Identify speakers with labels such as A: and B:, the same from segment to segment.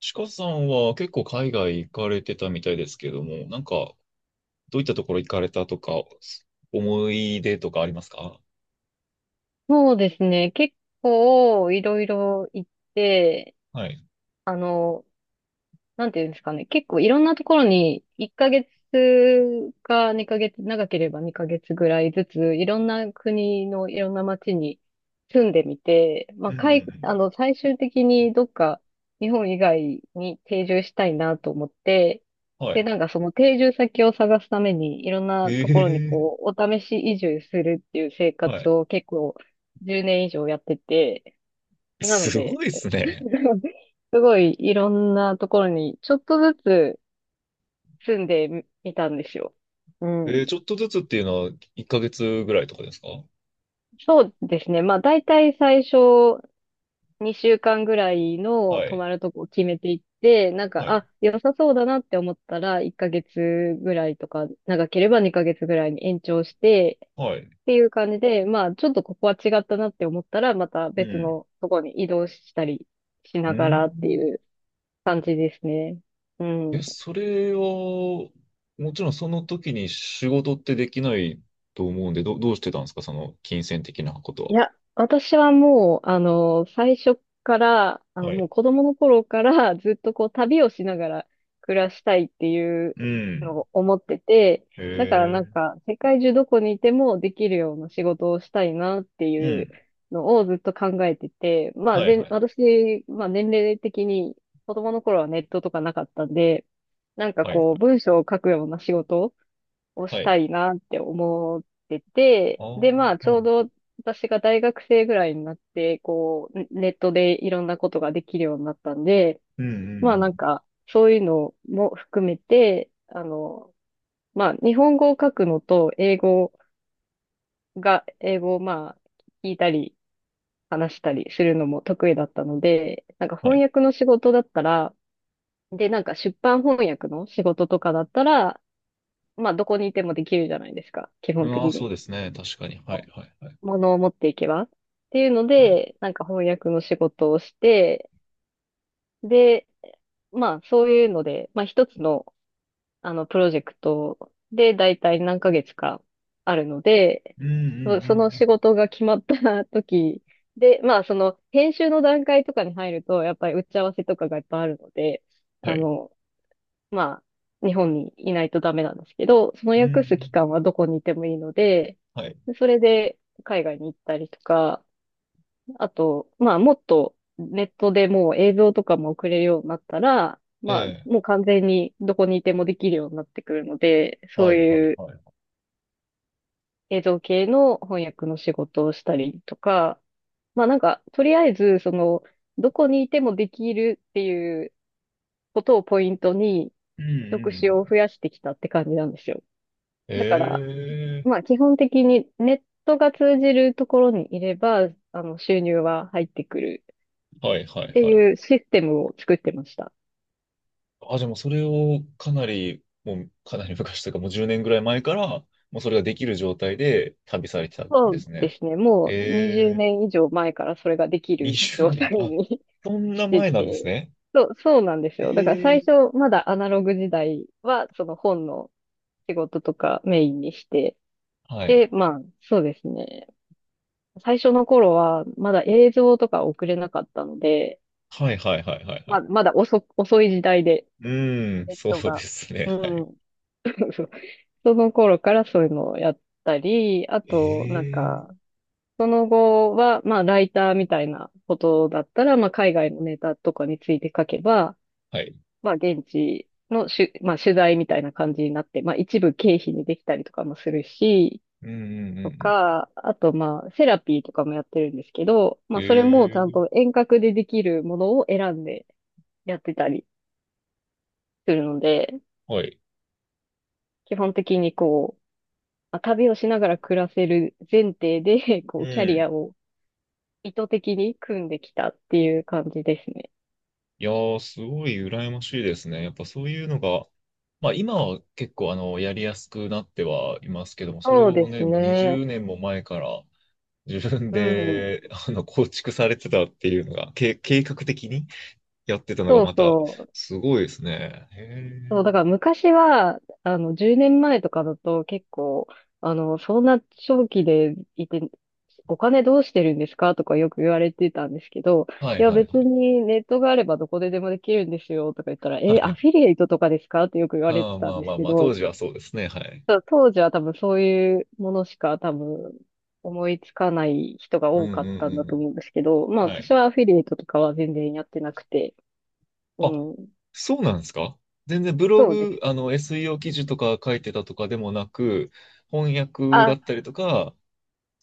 A: ちかさんは結構海外行かれてたみたいですけども、なんかどういったところ行かれたとか、思い出とかありますか？
B: そうですね。結構いろいろ行って、
A: はい。
B: あの、なんていうんですかね。結構いろんなところに1ヶ月か2ヶ月、長ければ2ヶ月ぐらいずつ、いろんな国のいろんな街に住んでみて、ま
A: う
B: あ、
A: んう
B: 海あ
A: ん
B: の、最終的にどっか日本以外に定住したいなと思って、
A: うん。は
B: で、
A: い。
B: なんかその定住先を探すためにいろんなところに
A: ええ。
B: こう、お試し移住するっていう生
A: は
B: 活
A: い。
B: を結構10年以上やってて、なの
A: す
B: で、
A: ごいですね。
B: すごいいろんなところにちょっとずつ住んでみたんですよ。う
A: えー、
B: ん。
A: ちょっとずつっていうのは1ヶ月ぐらいとかですか？
B: そうですね。まあ大体最初2週間ぐらいの
A: は
B: 泊
A: い。
B: まるとこを決めていって、なんか、
A: はい。
B: あ、良さそうだなって思ったら1ヶ月ぐらいとか、長ければ2ヶ月ぐらいに延長して
A: はい。
B: っていう感じで、まあちょっとここは違ったなって思ったらまた
A: う
B: 別
A: ん。
B: のとこに移動したりし
A: う
B: ながらってい
A: ん。
B: う感じですね。うん。
A: え、それは、もちろんその時に仕事ってできないと思うんで、どうしてたんですか、その金銭的なこ
B: い
A: と
B: や、私はもう、最初から、
A: は。は
B: もう
A: い。
B: 子供の頃からずっとこう旅をしながら暮らしたいっていう
A: うん。
B: のを思ってて、
A: へ
B: だからなん
A: え。
B: か世界中どこにいてもできるような仕事をしたいなって
A: う
B: いう
A: ん。
B: のをずっと考えてて、まあ、
A: はいはい
B: 私、まあ年齢的に子供の頃はネットとかなかったんで、なんか
A: はい。は
B: こう
A: い
B: 文章を書くような仕事をし
A: はい。
B: たいなって思ってて、
A: ああ、
B: で、まあ、ち
A: は
B: ょ
A: い。
B: うど私が大学生ぐらいになって、こう、ネットでいろんなことができるようになったんで、
A: うんうん
B: ま
A: う
B: あ、
A: ん。
B: なんか、そういうのも含めて、まあ、日本語を書くのと、英語をまあ、聞いたり、話したりするのも得意だったので、なんか
A: は
B: 翻
A: い。
B: 訳の仕事だったら、で、なんか出版翻訳の仕事とかだったら、まあ、どこにいてもできるじゃないですか、基本的
A: ああ、そ
B: に。
A: うですね。確かに。はいはいはい。
B: ものを持っていけばっていうの
A: はい。
B: で、なんか翻訳の仕事をして、で、まあそういうので、まあ一つのプロジェクトで大体何ヶ月かあるので、
A: うんうんうん
B: その
A: う
B: 仕
A: ん。
B: 事が決まった時で、まあその編集の段階とかに入ると、やっぱり打ち合わせとかがいっぱいあるので、
A: は
B: あ
A: い。
B: の、まあ日本にいないとダメなんですけど、その
A: うんう
B: 訳す期
A: ん。
B: 間はどこにいてもいいので、
A: はい。
B: それで海外に行ったりとか、あと、まあ、もっとネットでもう映像とかも送れるようになったら、まあ、
A: ええ。
B: もう完全にどこにいてもできるようになってくるので、そ
A: は
B: う
A: いはい
B: いう
A: はい。
B: 映像系の翻訳の仕事をしたりとか、まあなんか、とりあえず、その、どこにいてもできるっていうことをポイントに、
A: うん
B: 職
A: う
B: 種を
A: ん。
B: 増やしてきたって感じなんですよ。
A: え
B: だから、まあ
A: え。
B: 基本的にネットが通じるところにいれば、収入は入ってくる
A: はいは
B: っ
A: い
B: て
A: はい。
B: いうシステムを作ってました。
A: あ、じゃあもうそれをかなり、もうかなり昔というかもう10年ぐらい前から、もうそれができる状態で旅されてたん
B: そ
A: で
B: う
A: す
B: で
A: ね。
B: すね。もう20
A: ええ。
B: 年以上前からそれができる
A: 20
B: 状態
A: 年。あ、
B: に
A: そ んな
B: して
A: 前なんです
B: て。
A: ね。
B: そう、そうなんですよ。だから最
A: ええ。
B: 初、まだアナログ時代は、その本の仕事とかメインにして。
A: はい。
B: で、まあ、そうですね。最初の頃は、まだ映像とか送れなかったので、
A: はいはいはいはいは
B: ま
A: い。
B: あ、まだ遅い時代で、
A: うーん、
B: ネッ
A: そ
B: ト
A: うで
B: が。
A: すね。
B: う
A: はい。
B: ん。そその頃からそういうのをやったり、あと、なん
A: え
B: か、
A: え。
B: その後は、まあ、ライターみたいなことだったら、まあ、海外のネタとかについて書けば、
A: はい。
B: まあ、現地のまあ、取材みたいな感じになって、まあ、一部経費にできたりとかもするし、
A: うんうんう
B: と
A: んうん。
B: か、あと、まあ、セラピーとかもやってるんですけど、まあ、それもちゃん
A: え
B: と
A: え。
B: 遠隔でできるものを選んでやってたりするので、
A: はい。
B: 基本的にこう、まあ旅をしながら暮らせる前提で、こ
A: う
B: う、キャリア
A: ん。
B: を意図的に組んできたっていう感じですね。
A: いやー、すごい羨ましいですね。やっぱそういうのが、まあ今は結構あの、やりやすくなってはいますけども、それ
B: そうで
A: を
B: す
A: ね、もう
B: ね。
A: 20年も前から自分
B: うん。
A: で、あの、構築されてたっていうのが、計画的にやってたのが
B: そう
A: また、
B: そう。
A: すごいですね。へ
B: そう、だか
A: え。
B: ら昔は、10年前とかだと結構、そんな長期でいて、お金どうしてるんですかとかよく言われてたんですけど、
A: は
B: い
A: い
B: や
A: はい
B: 別
A: はい。
B: にネットがあればどこででもできるんですよとか言ったら、
A: は
B: え、ア
A: い。
B: フィリエイトとかですかってよく言われ
A: あ
B: て
A: あ、
B: たん
A: まあ
B: で
A: ま
B: す
A: あ
B: け
A: まあ、当
B: ど、
A: 時はそうですね。はい。
B: そう当時は多分そういうものしか多分思いつかない人が
A: うん
B: 多
A: う
B: か
A: んう
B: っ
A: ん
B: たんだ
A: う
B: と
A: ん。
B: 思うんですけど、まあ
A: は
B: 私
A: い。
B: はアフィリエイトとかは全然やってなくて、う
A: あ、
B: ん。
A: そうなんですか？全然ブロ
B: そうで
A: グ、
B: す。
A: あの、SEO 記事とか書いてたとかでもなく、翻訳だ
B: あ、
A: ったりとか、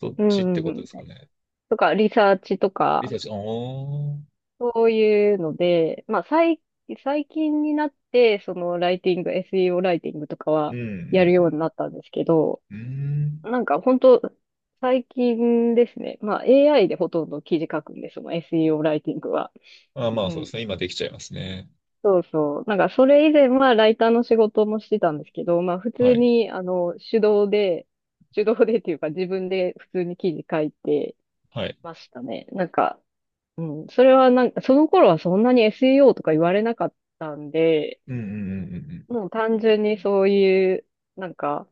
A: そっ
B: う
A: ちっ
B: ん
A: て
B: うんう
A: こと
B: ん。
A: ですかね。
B: とか、リサーチと
A: リ
B: か、
A: サーチ、ああ、うん
B: そういうので、まあ、最近になって、その、ライティング、SEO ライティングとか
A: う
B: は、やる
A: ん
B: ようになったんですけど、
A: うん。うん。
B: なんか、本当最近ですね。まあ、AI でほとんど記事書くんです、その SEO ライティングは。
A: ああ、ま
B: う
A: あそうで
B: ん。
A: すね。今できちゃいますね。
B: そうそう。なんか、それ以前はライターの仕事もしてたんですけど、まあ、普
A: は
B: 通
A: い。
B: に、手動で、手動でっていうか、自分で普通に記事書いて、
A: はい。
B: ましたね。なんか、うん、それはなんか、その頃はそんなに SEO とか言われなかったんで、
A: うんうんうんうんうん。
B: もう単純にそういう、なんか、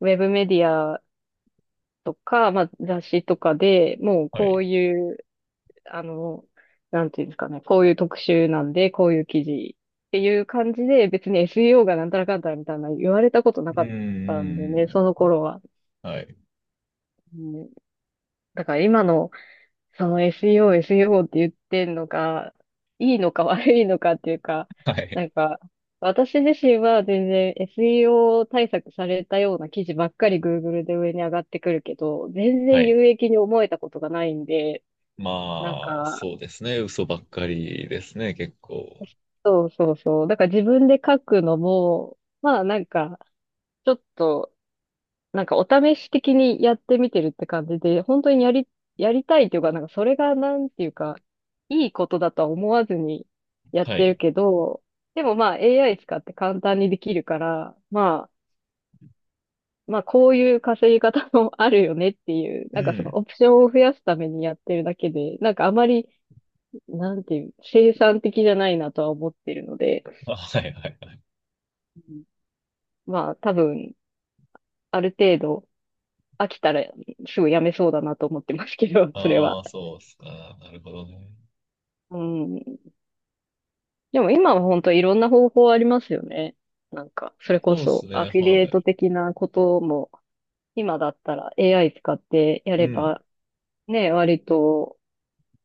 B: ウェブメディアとか、まあ雑誌とかでもう
A: は
B: こ
A: い。
B: ういう、あの、なんていうんですかね、こういう特集なんで、こういう記事っていう感じで、別に SEO がなんたらかんたらみたいな言われたことな
A: うん
B: か
A: う
B: ったんでね、その
A: ん
B: 頃は。
A: うん。はい。
B: うん、だから今の、その SEO、SEO って言ってんのが、いいのか悪いのかっていうか、
A: は
B: な
A: い。
B: んか、私自身は全然 SEO 対策されたような記事ばっかり Google で上に上がってくるけど、全
A: は
B: 然
A: い。
B: 有益に思えたことがないんで、なん
A: まあ、
B: か、
A: そうですね。嘘ばっかりですね、結構。
B: そうそうそう。だから自分で書くのも、まあなんか、ちょっとなんかお試し的にやってみてるって感じで、本当にやりたいというか、なんかそれがなんていうか、いいことだとは思わずにやっ
A: は
B: てる
A: い。
B: けど、でもまあ AI 使って簡単にできるから、まあこういう稼ぎ方も あるよねっていう、
A: う
B: なんかその
A: ん。
B: オプションを増やすためにやってるだけで、なんかあまり、なんていう、生産的じゃないなとは思ってるので、
A: あ、はいはい。
B: うんまあ多分、ある程度飽きたらすぐやめそうだなと思ってますけど、それ
A: あ
B: は。
A: あ、そうっすか。なるほどね。
B: うん。でも今は本当いろんな方法ありますよね。なんか、それこ
A: そうっす
B: そア
A: ね。
B: フィリエ
A: は
B: イト
A: い。
B: 的なことも、今だったら AI 使ってや
A: う
B: れ
A: ん。
B: ば、ね、割と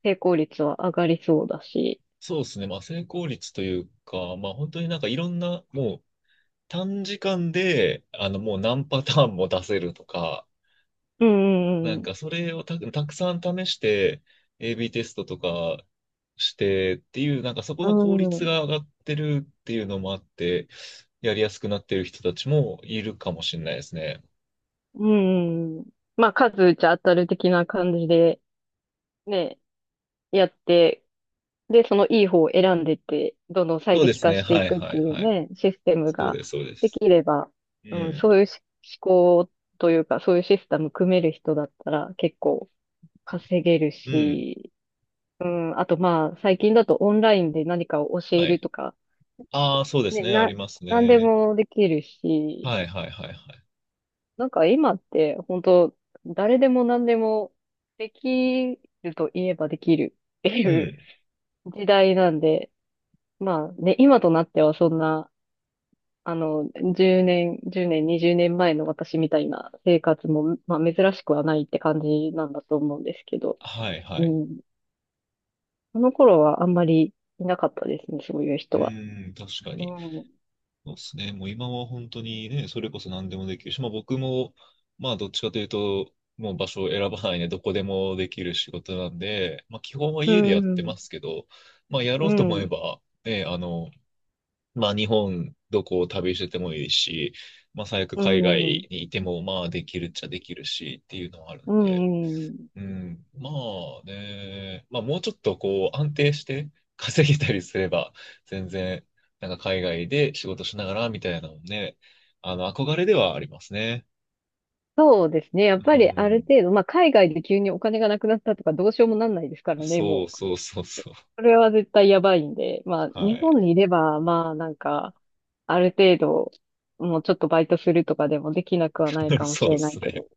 B: 成功率は上がりそうだし。
A: そうっすね。まあ、成功率というか、まあ、本当になんかいろんな、もう短時間で、あの、もう何パターンも出せるとか、
B: う
A: な
B: んう
A: んか
B: ん
A: それをたくさん試して、AB テストとかしてっていう、なんかそこ
B: う
A: の効
B: ん。う
A: 率
B: ん
A: が上がってるっていうのもあって、やりやすくなってる人たちもいるかもしれないですね。
B: うんうん。まあ、数打ちゃ当たる的な感じで、ね、やってで、そのいい方を選んでって、どんどん最
A: そうで
B: 適
A: す
B: 化
A: ね。
B: してい
A: はい
B: くっ
A: は
B: て
A: い
B: いう
A: はい。
B: ね、システム
A: そう
B: が
A: です、そうで
B: でき
A: す。
B: れば、
A: う
B: うん、
A: ん。
B: そういうし思考というか、そういうシステム組める人だったら結構稼げる
A: うん。
B: し、うん、あとまあ、最近だとオンラインで何かを教
A: は
B: える
A: い。
B: とか、
A: ああ、そうです
B: ね、
A: ね。あります
B: 何で
A: ね。
B: もできるし、
A: はいはいはいはい。
B: なんか今って本当誰でも何でもできると言えばできるって
A: う
B: いう
A: ん。
B: 時代なんで、まあね、今となってはそんな、あの、10年、10年、20年前の私みたいな生活も、まあ、珍しくはないって感じなんだと思うんですけど、
A: はい
B: う
A: はい。
B: ん。その頃はあんまりいなかったですね、そういう
A: う
B: 人は。
A: ん、確かに。
B: うん。
A: そうですね。もう今は本当にね、それこそ何でもできるし、まあ僕も、まあどっちかというと、もう場所を選ばないでどこでもできる仕事なんで、まあ基本は
B: う
A: 家でやってま
B: ん。
A: すけど、まあや
B: う
A: ろうと思え
B: ん。
A: ば、ね、あの、まあ日本どこを旅しててもいいし、まあ最悪
B: う
A: 海
B: ん。
A: 外にいてもまあできるっちゃできるしっていうのはある
B: う
A: んで、
B: ん。
A: うん、まあね、まあもうちょっとこう安定して稼げたりすれば、全然、なんか海外で仕事しながらみたいなのもね、あの、憧れではありますね。
B: そうですね。やっぱ
A: う
B: りある
A: ん。
B: 程度、まあ、海外で急にお金がなくなったとかどうしようもなんないですからね、
A: そう
B: もう。
A: そうそうそう。
B: それは絶対やばいんで、まあ、
A: は
B: 日
A: い。
B: 本にいれば、まあ、なんか、ある程度、もうちょっとバイトするとかでもできなくはない かも
A: そ
B: し
A: うで
B: れない
A: す
B: け
A: ね。
B: ど、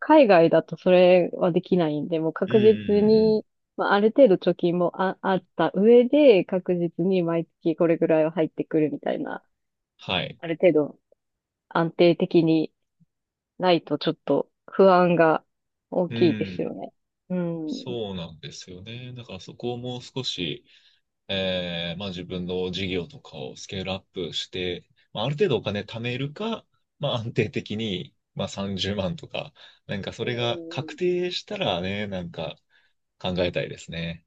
B: 海外だとそれはできないんで、もう
A: うんう
B: 確
A: んうんう
B: 実
A: ん。
B: に、まあ、ある程度貯金もあった上で、確実に毎月これぐらいは入ってくるみたいな、
A: はい。
B: ある程度安定的にないとちょっと不安が大
A: う
B: きいですよ
A: ん。
B: ね。うん。
A: そうなんですよね。だからそこをもう少し、まあ、自分の事業とかをスケールアップして、まあ、ある程度お金貯めるか、まあ、安定的に、まあ、30万とか、なんかそ
B: う
A: れが確
B: ん
A: 定したらね、なんか考えたいですね。